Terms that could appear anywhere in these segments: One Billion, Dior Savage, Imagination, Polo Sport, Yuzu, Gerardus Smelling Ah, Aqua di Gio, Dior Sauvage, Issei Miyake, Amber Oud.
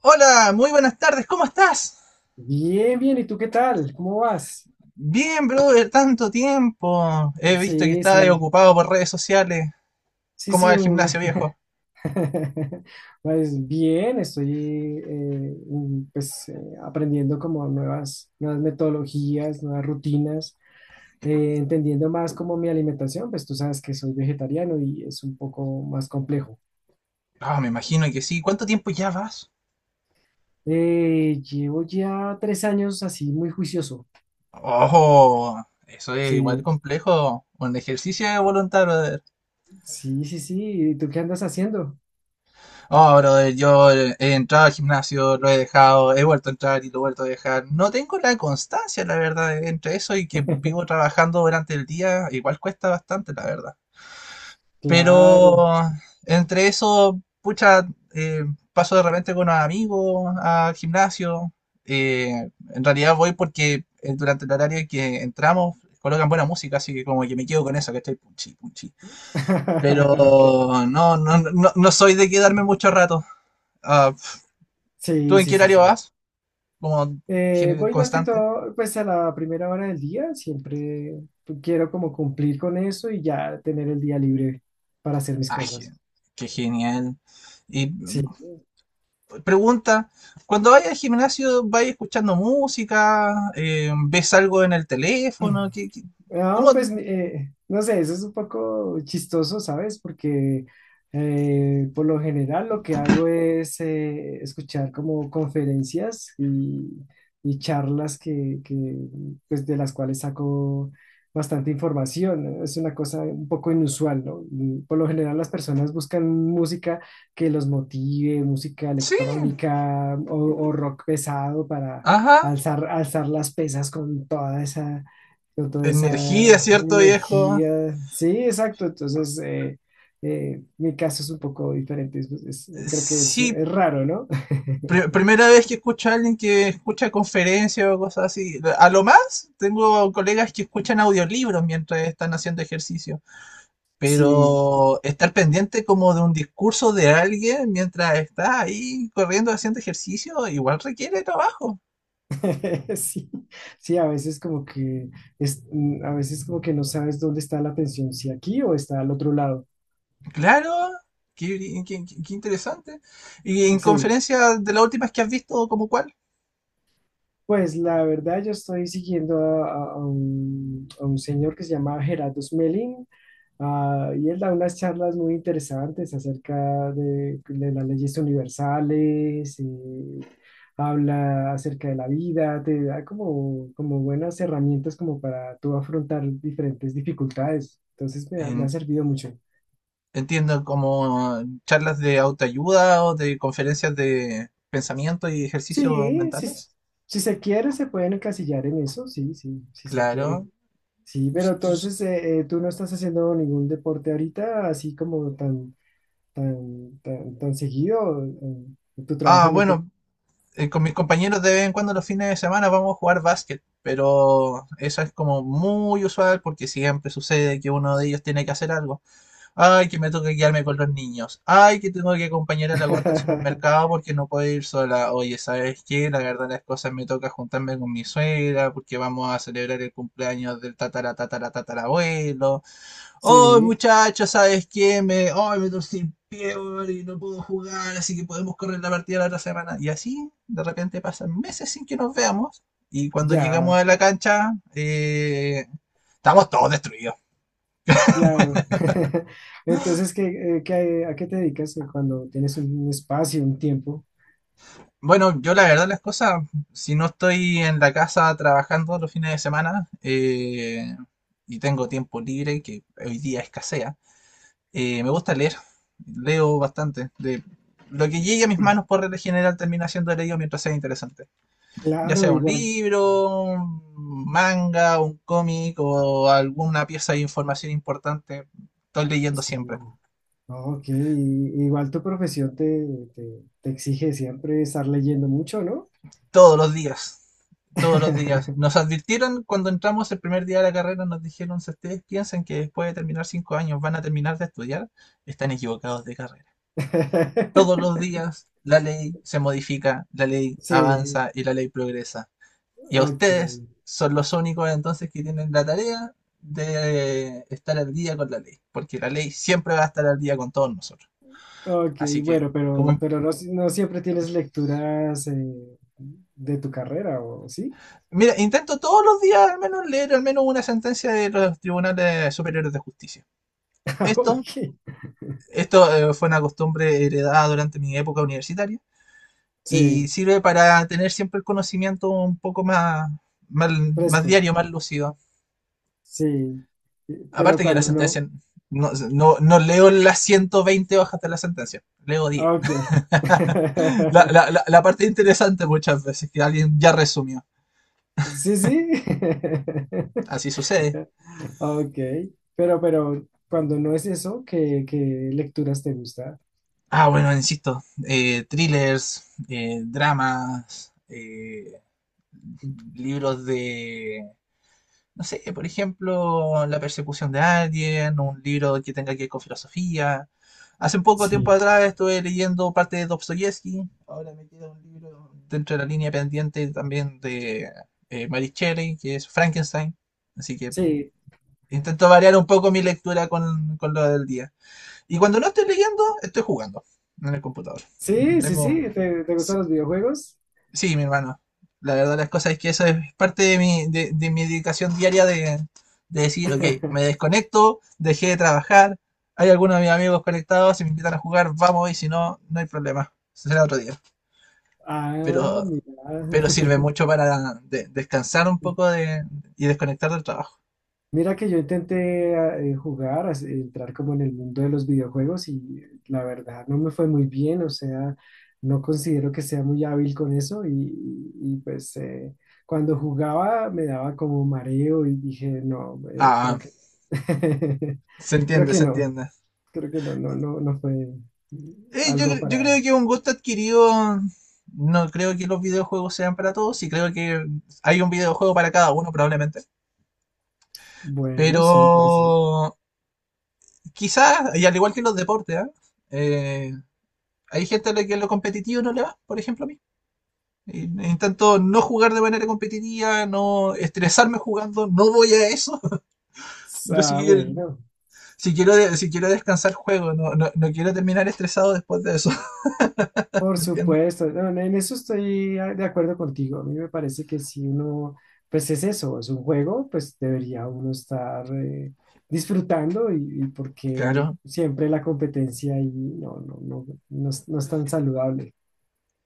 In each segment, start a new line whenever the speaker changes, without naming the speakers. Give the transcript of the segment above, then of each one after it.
Hola, muy buenas tardes, ¿cómo estás?
Bien, bien, ¿y tú qué tal? ¿Cómo vas?
Bien, brother, tanto tiempo. He visto que
Sí,
estás
sí,
ocupado por redes sociales.
sí,
¿Cómo va
sí,
el gimnasio, viejo?
pues bien, estoy eh, un- pues, eh, aprendiendo como nuevas metodologías, nuevas rutinas, entendiendo más como mi alimentación, pues tú sabes que soy vegetariano y es un poco más complejo.
Ah, me imagino que sí. ¿Cuánto tiempo ya vas?
Llevo ya tres años así muy juicioso.
Oh, eso es igual
Sí,
complejo. Un ejercicio de voluntad, brother.
sí, sí, sí, ¿y tú qué andas haciendo?
Oh, brother, yo he entrado al gimnasio, lo he dejado, he vuelto a entrar y lo he vuelto a dejar. No tengo la constancia, la verdad, entre eso y que vivo trabajando durante el día, igual cuesta bastante, la verdad.
Claro.
Pero entre eso, pucha, eh, paso de repente con los amigos al gimnasio. En realidad voy porque durante el horario en que entramos colocan buena música, así que como que me quedo con eso, que estoy punchi, punchi. Pero
Ok.
no, no, no, no soy de quedarme mucho rato. Ah, pf, ¿tú
Sí,
en
sí,
qué
sí,
horario
sí.
vas? Como
Voy más que
constante.
todo, pues a la primera hora del día, siempre quiero como cumplir con eso y ya tener el día libre para hacer mis
Ah,
cosas.
gen- qué genial. Y
Sí.
pregunta, cuando vayas al gimnasio, ¿vayas escuchando música? ¿Ves algo en el teléfono? ¿Qué, qué?
No,
Cómo
pues no sé, eso es un poco chistoso, ¿sabes? Porque por lo general lo que hago es escuchar como conferencias y charlas pues de las cuales saco bastante información, ¿no? Es una cosa un poco inusual, ¿no? Y por lo general las personas buscan música que los motive, música
Sí,
electrónica o rock pesado para
ajá.
alzar las pesas con toda esa
Energía, ¿cierto, viejo?
energía. Sí, exacto. Entonces, mi caso es un poco diferente. Creo que
Sí,
es raro, ¿no?
primera vez que escucho a alguien que escucha conferencias o cosas así. A lo más, tengo colegas que escuchan audiolibros mientras están haciendo ejercicio.
Sí,
Pero estar pendiente como de un discurso de alguien mientras está ahí corriendo haciendo ejercicio, igual requiere trabajo.
sí, sí, a veces como que es, a veces como que no sabes dónde está la atención, si aquí o está al otro lado.
Claro, qué interesante. ¿Y en
Sí,
conferencias de las últimas que has visto, como cuál?
pues la verdad yo estoy siguiendo a un señor que se llama Gerardus Smelling. Ah, y él da unas charlas muy interesantes acerca de las leyes universales. Habla acerca de la vida, te da como, como buenas herramientas como para tú afrontar diferentes dificultades. Entonces me ha
En-
servido mucho.
entiendo como charlas de autoayuda o de conferencias de pensamiento y ejercicios
Sí, sí,
mentales.
si se quiere se pueden encasillar en eso, sí, sí, si se
Claro.
quiere. Sí,
S-
pero
s-
entonces tú no estás haciendo ningún deporte ahorita así como tan seguido. Tu
Ah,
trabajo no te
bueno, con mis compañeros de vez en cuando los fines de semana vamos a jugar básquet, pero eso es como muy usual porque siempre sucede que uno de ellos tiene que hacer algo. Ay, que me toca quedarme con los niños. Ay, que tengo que acompañar a la gorda al supermercado porque no puedo ir sola. Oye, ¿sabes qué? La verdad las cosas me toca juntarme con mi suegra porque vamos a celebrar el cumpleaños del tatara tatara tatara. Oh,
sí,
muchachos, ¿sabes qué? Me, oh, me torcí el pie, weón, y no puedo jugar, así que podemos correr la partida la otra semana. Y así, de repente pasan meses sin que nos veamos. Y cuando llegamos
ya,
a la cancha, estamos todos destruidos.
claro. Entonces, ¿ a qué te dedicas cuando tienes un espacio, un tiempo?
Bueno, yo la verdad las cosas, si no estoy en la casa trabajando los fines de semana y tengo tiempo libre, que hoy día escasea, me gusta leer, leo bastante. De lo que llegue a mis manos por regla general termina siendo leído mientras sea interesante. Ya
Claro,
sea un
igual,
libro, un manga, un cómic o alguna pieza de información importante. Estoy leyendo
sí.
siempre,
No, ok, igual tu profesión te exige siempre estar leyendo mucho, ¿no?
todos los días. Todos los días. Nos advirtieron cuando entramos el primer día de la carrera, nos dijeron, si ustedes piensan que después de terminar 5 años van a terminar de estudiar, están equivocados de carrera. Todos los días la ley se modifica, la ley
Sí,
avanza y la ley progresa. Y a
ok,
ustedes son los únicos entonces que tienen la tarea de estar al día con la ley, porque la ley siempre va a estar al día con todos nosotros.
ok,
Así que,
bueno,
como,
pero no, no siempre tienes lecturas de tu carrera, ¿o sí?
mira, intento todos los días al menos leer al menos una sentencia de los tribunales superiores de justicia. Esto,
Ok,
esto, fue una costumbre heredada durante mi época universitaria y
sí,
sirve para tener siempre el conocimiento un poco más, más, más
fresco.
diario, más lúcido.
Sí, pero
Aparte que la
cuando no,
sentencia, no, no, no leo las 120 hojas de la sentencia, leo diez.
ah, ok.
la, la, la, la parte interesante muchas veces, que alguien ya resumió.
Sí, sí.
Así sucede.
Ok, pero cuando no es eso, ¿ qué lecturas te gusta?
Ah, bueno, insisto, thrillers, dramas, libros de no sé, por ejemplo, la persecución de alguien, un libro que tenga que ver con filosofía. Hace un poco tiempo
Sí,
atrás estuve leyendo parte de Dostoyevsky, ahora me queda un libro dentro de la línea pendiente también de Mary Shelley, que es Frankenstein, así que
sí,
intento variar un poco mi lectura con lo del día. Y cuando no estoy leyendo, estoy jugando en el computador.
sí, sí, sí,
Tengo
¿te, te
sí,
gustan los videojuegos?
sí, mi hermano. La verdad, las cosas es que eso es parte de mi dedicación diaria de decir, ok, me desconecto, dejé de trabajar, hay algunos de mis amigos conectados, si me invitan a jugar, vamos y si no, no hay problema, será otro día.
Ah,
Pero,
mira.
pero sirve mucho para descansar un poco de, y desconectar del trabajo.
Mira que yo intenté jugar, entrar como en el mundo de los videojuegos y la verdad no me fue muy bien, o sea, no considero que sea muy hábil con eso y, pues cuando jugaba me daba como mareo y dije, no, creo
Ah,
que,
se
creo
entiende,
que
se
no,
entiende.
creo que no, no, no, no fue
Yo,
algo
yo
para,
creo que un gusto adquirido, no creo que los videojuegos sean para todos y creo que hay un videojuego para cada uno probablemente. Pero
bueno, sí, puede ser.
quizás, y al igual que en los deportes, ¿ah? Eh, hay gente a la que lo competitivo no le va, por ejemplo a mí. Y- Intento no jugar de manera competitiva, no estresarme jugando, no voy a eso. Yo sí,
Ah,
que-
bueno.
si quiero, si quiero descansar, juego, no, no, no quiero terminar estresado después de eso.
Por
¿Me entiendes?
supuesto, no, en eso estoy de acuerdo contigo. A mí me parece que si uno, pues es eso, es un juego, pues debería uno estar disfrutando y porque
Claro,
siempre la competencia ahí no, no, no, no, es no es tan saludable.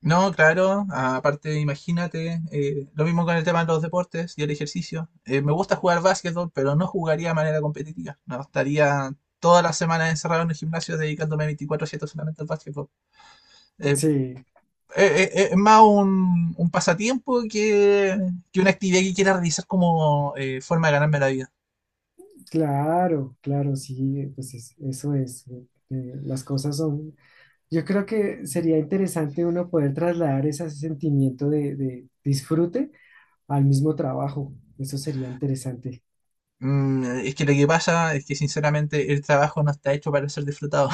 no, claro, aparte imagínate, lo mismo con el tema de los deportes y el ejercicio. Me gusta jugar básquetbol, pero no jugaría de manera competitiva. No estaría todas las semanas encerrado en el gimnasio dedicándome 24/7 solamente al básquetbol. Eh,
Sí,
es más un pasatiempo que una actividad que quiera realizar como forma de ganarme la vida.
claro, claro, sí, pues eso es. Las cosas son, yo creo que sería interesante uno poder trasladar ese sentimiento de disfrute al mismo trabajo. Eso sería interesante.
Mm, es que lo que pasa es que sinceramente el trabajo no está hecho para ser disfrutado.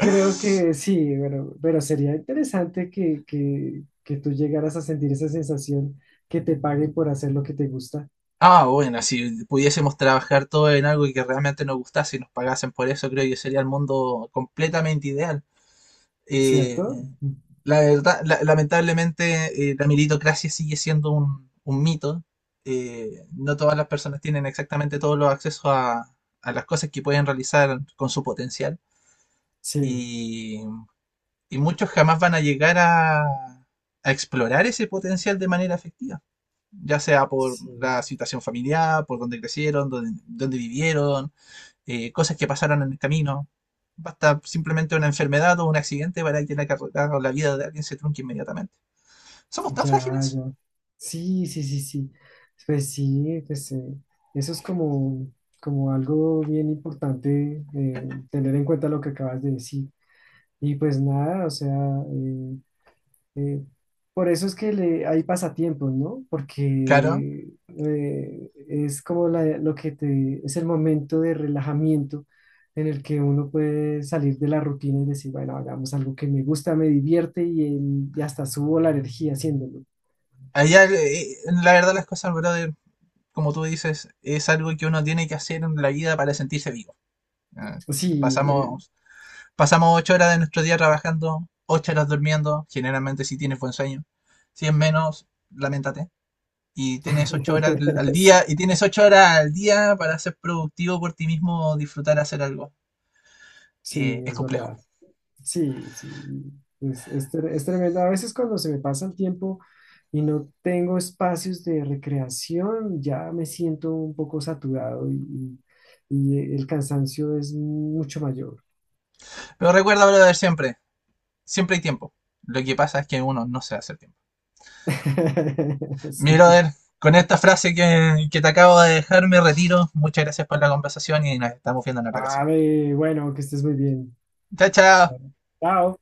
Creo que sí, pero sería interesante que tú llegaras a sentir esa sensación que te paguen por hacer lo que te gusta,
Ah, bueno, si pudiésemos trabajar todo en algo que realmente nos gustase y nos pagasen por eso, creo que sería el mundo completamente ideal. Eh,
¿cierto?
la verdad, lamentablemente, la meritocracia sigue siendo un mito. No todas las personas tienen exactamente todos los accesos a las cosas que pueden realizar con su potencial.
Sí,
Y, y muchos jamás van a llegar a explorar ese potencial de manera efectiva ya sea por
sí,
la situación familiar, por dónde crecieron, dónde, dónde vivieron, cosas que pasaron en el camino. Basta simplemente una enfermedad o un accidente para que la carrera o la vida de alguien se trunque inmediatamente. ¿Somos tan
ya,
frágiles?
ya. Sí, sí, sí, sí. Pues sí, pues eso es como, como algo bien importante tener en cuenta lo que acabas de decir. Y pues nada, o sea, eh, Eh, por eso es que le, hay pasatiempos, ¿no?
Claro.
Porque es como lo que te, es el momento de relajamiento en el que uno puede salir de la rutina y decir, bueno, hagamos algo que me gusta, me divierte y, y hasta subo la energía haciéndolo.
Allá, la verdad, las cosas, brother, como tú dices, es algo que uno tiene que hacer en la vida para sentirse vivo. Eh,
Sí,
pasamos, pasamos 8 horas de nuestro día trabajando, 8 horas durmiendo, generalmente si tienes buen sueño. Si es menos, lamentate. Y tienes 8 horas día
sí,
y tienes ocho horas al día para ser productivo por ti mismo disfrutar hacer algo.
sí,
Es
es
complejo.
verdad. Sí, sí, es, es tremendo. A veces cuando se me pasa el tiempo y no tengo espacios de recreación, ya me siento un poco saturado y el cansancio es mucho mayor.
Pero recuerda, brother, siempre, siempre hay tiempo. Lo que pasa es que uno no se hace tiempo. Mi
Sí.
brother, con esta frase que te acabo de dejar, me retiro. Muchas gracias por la conversación y nos estamos viendo en otra ocasión.
A bueno, que estés muy bien.
Chao, chao.
Bueno, chao.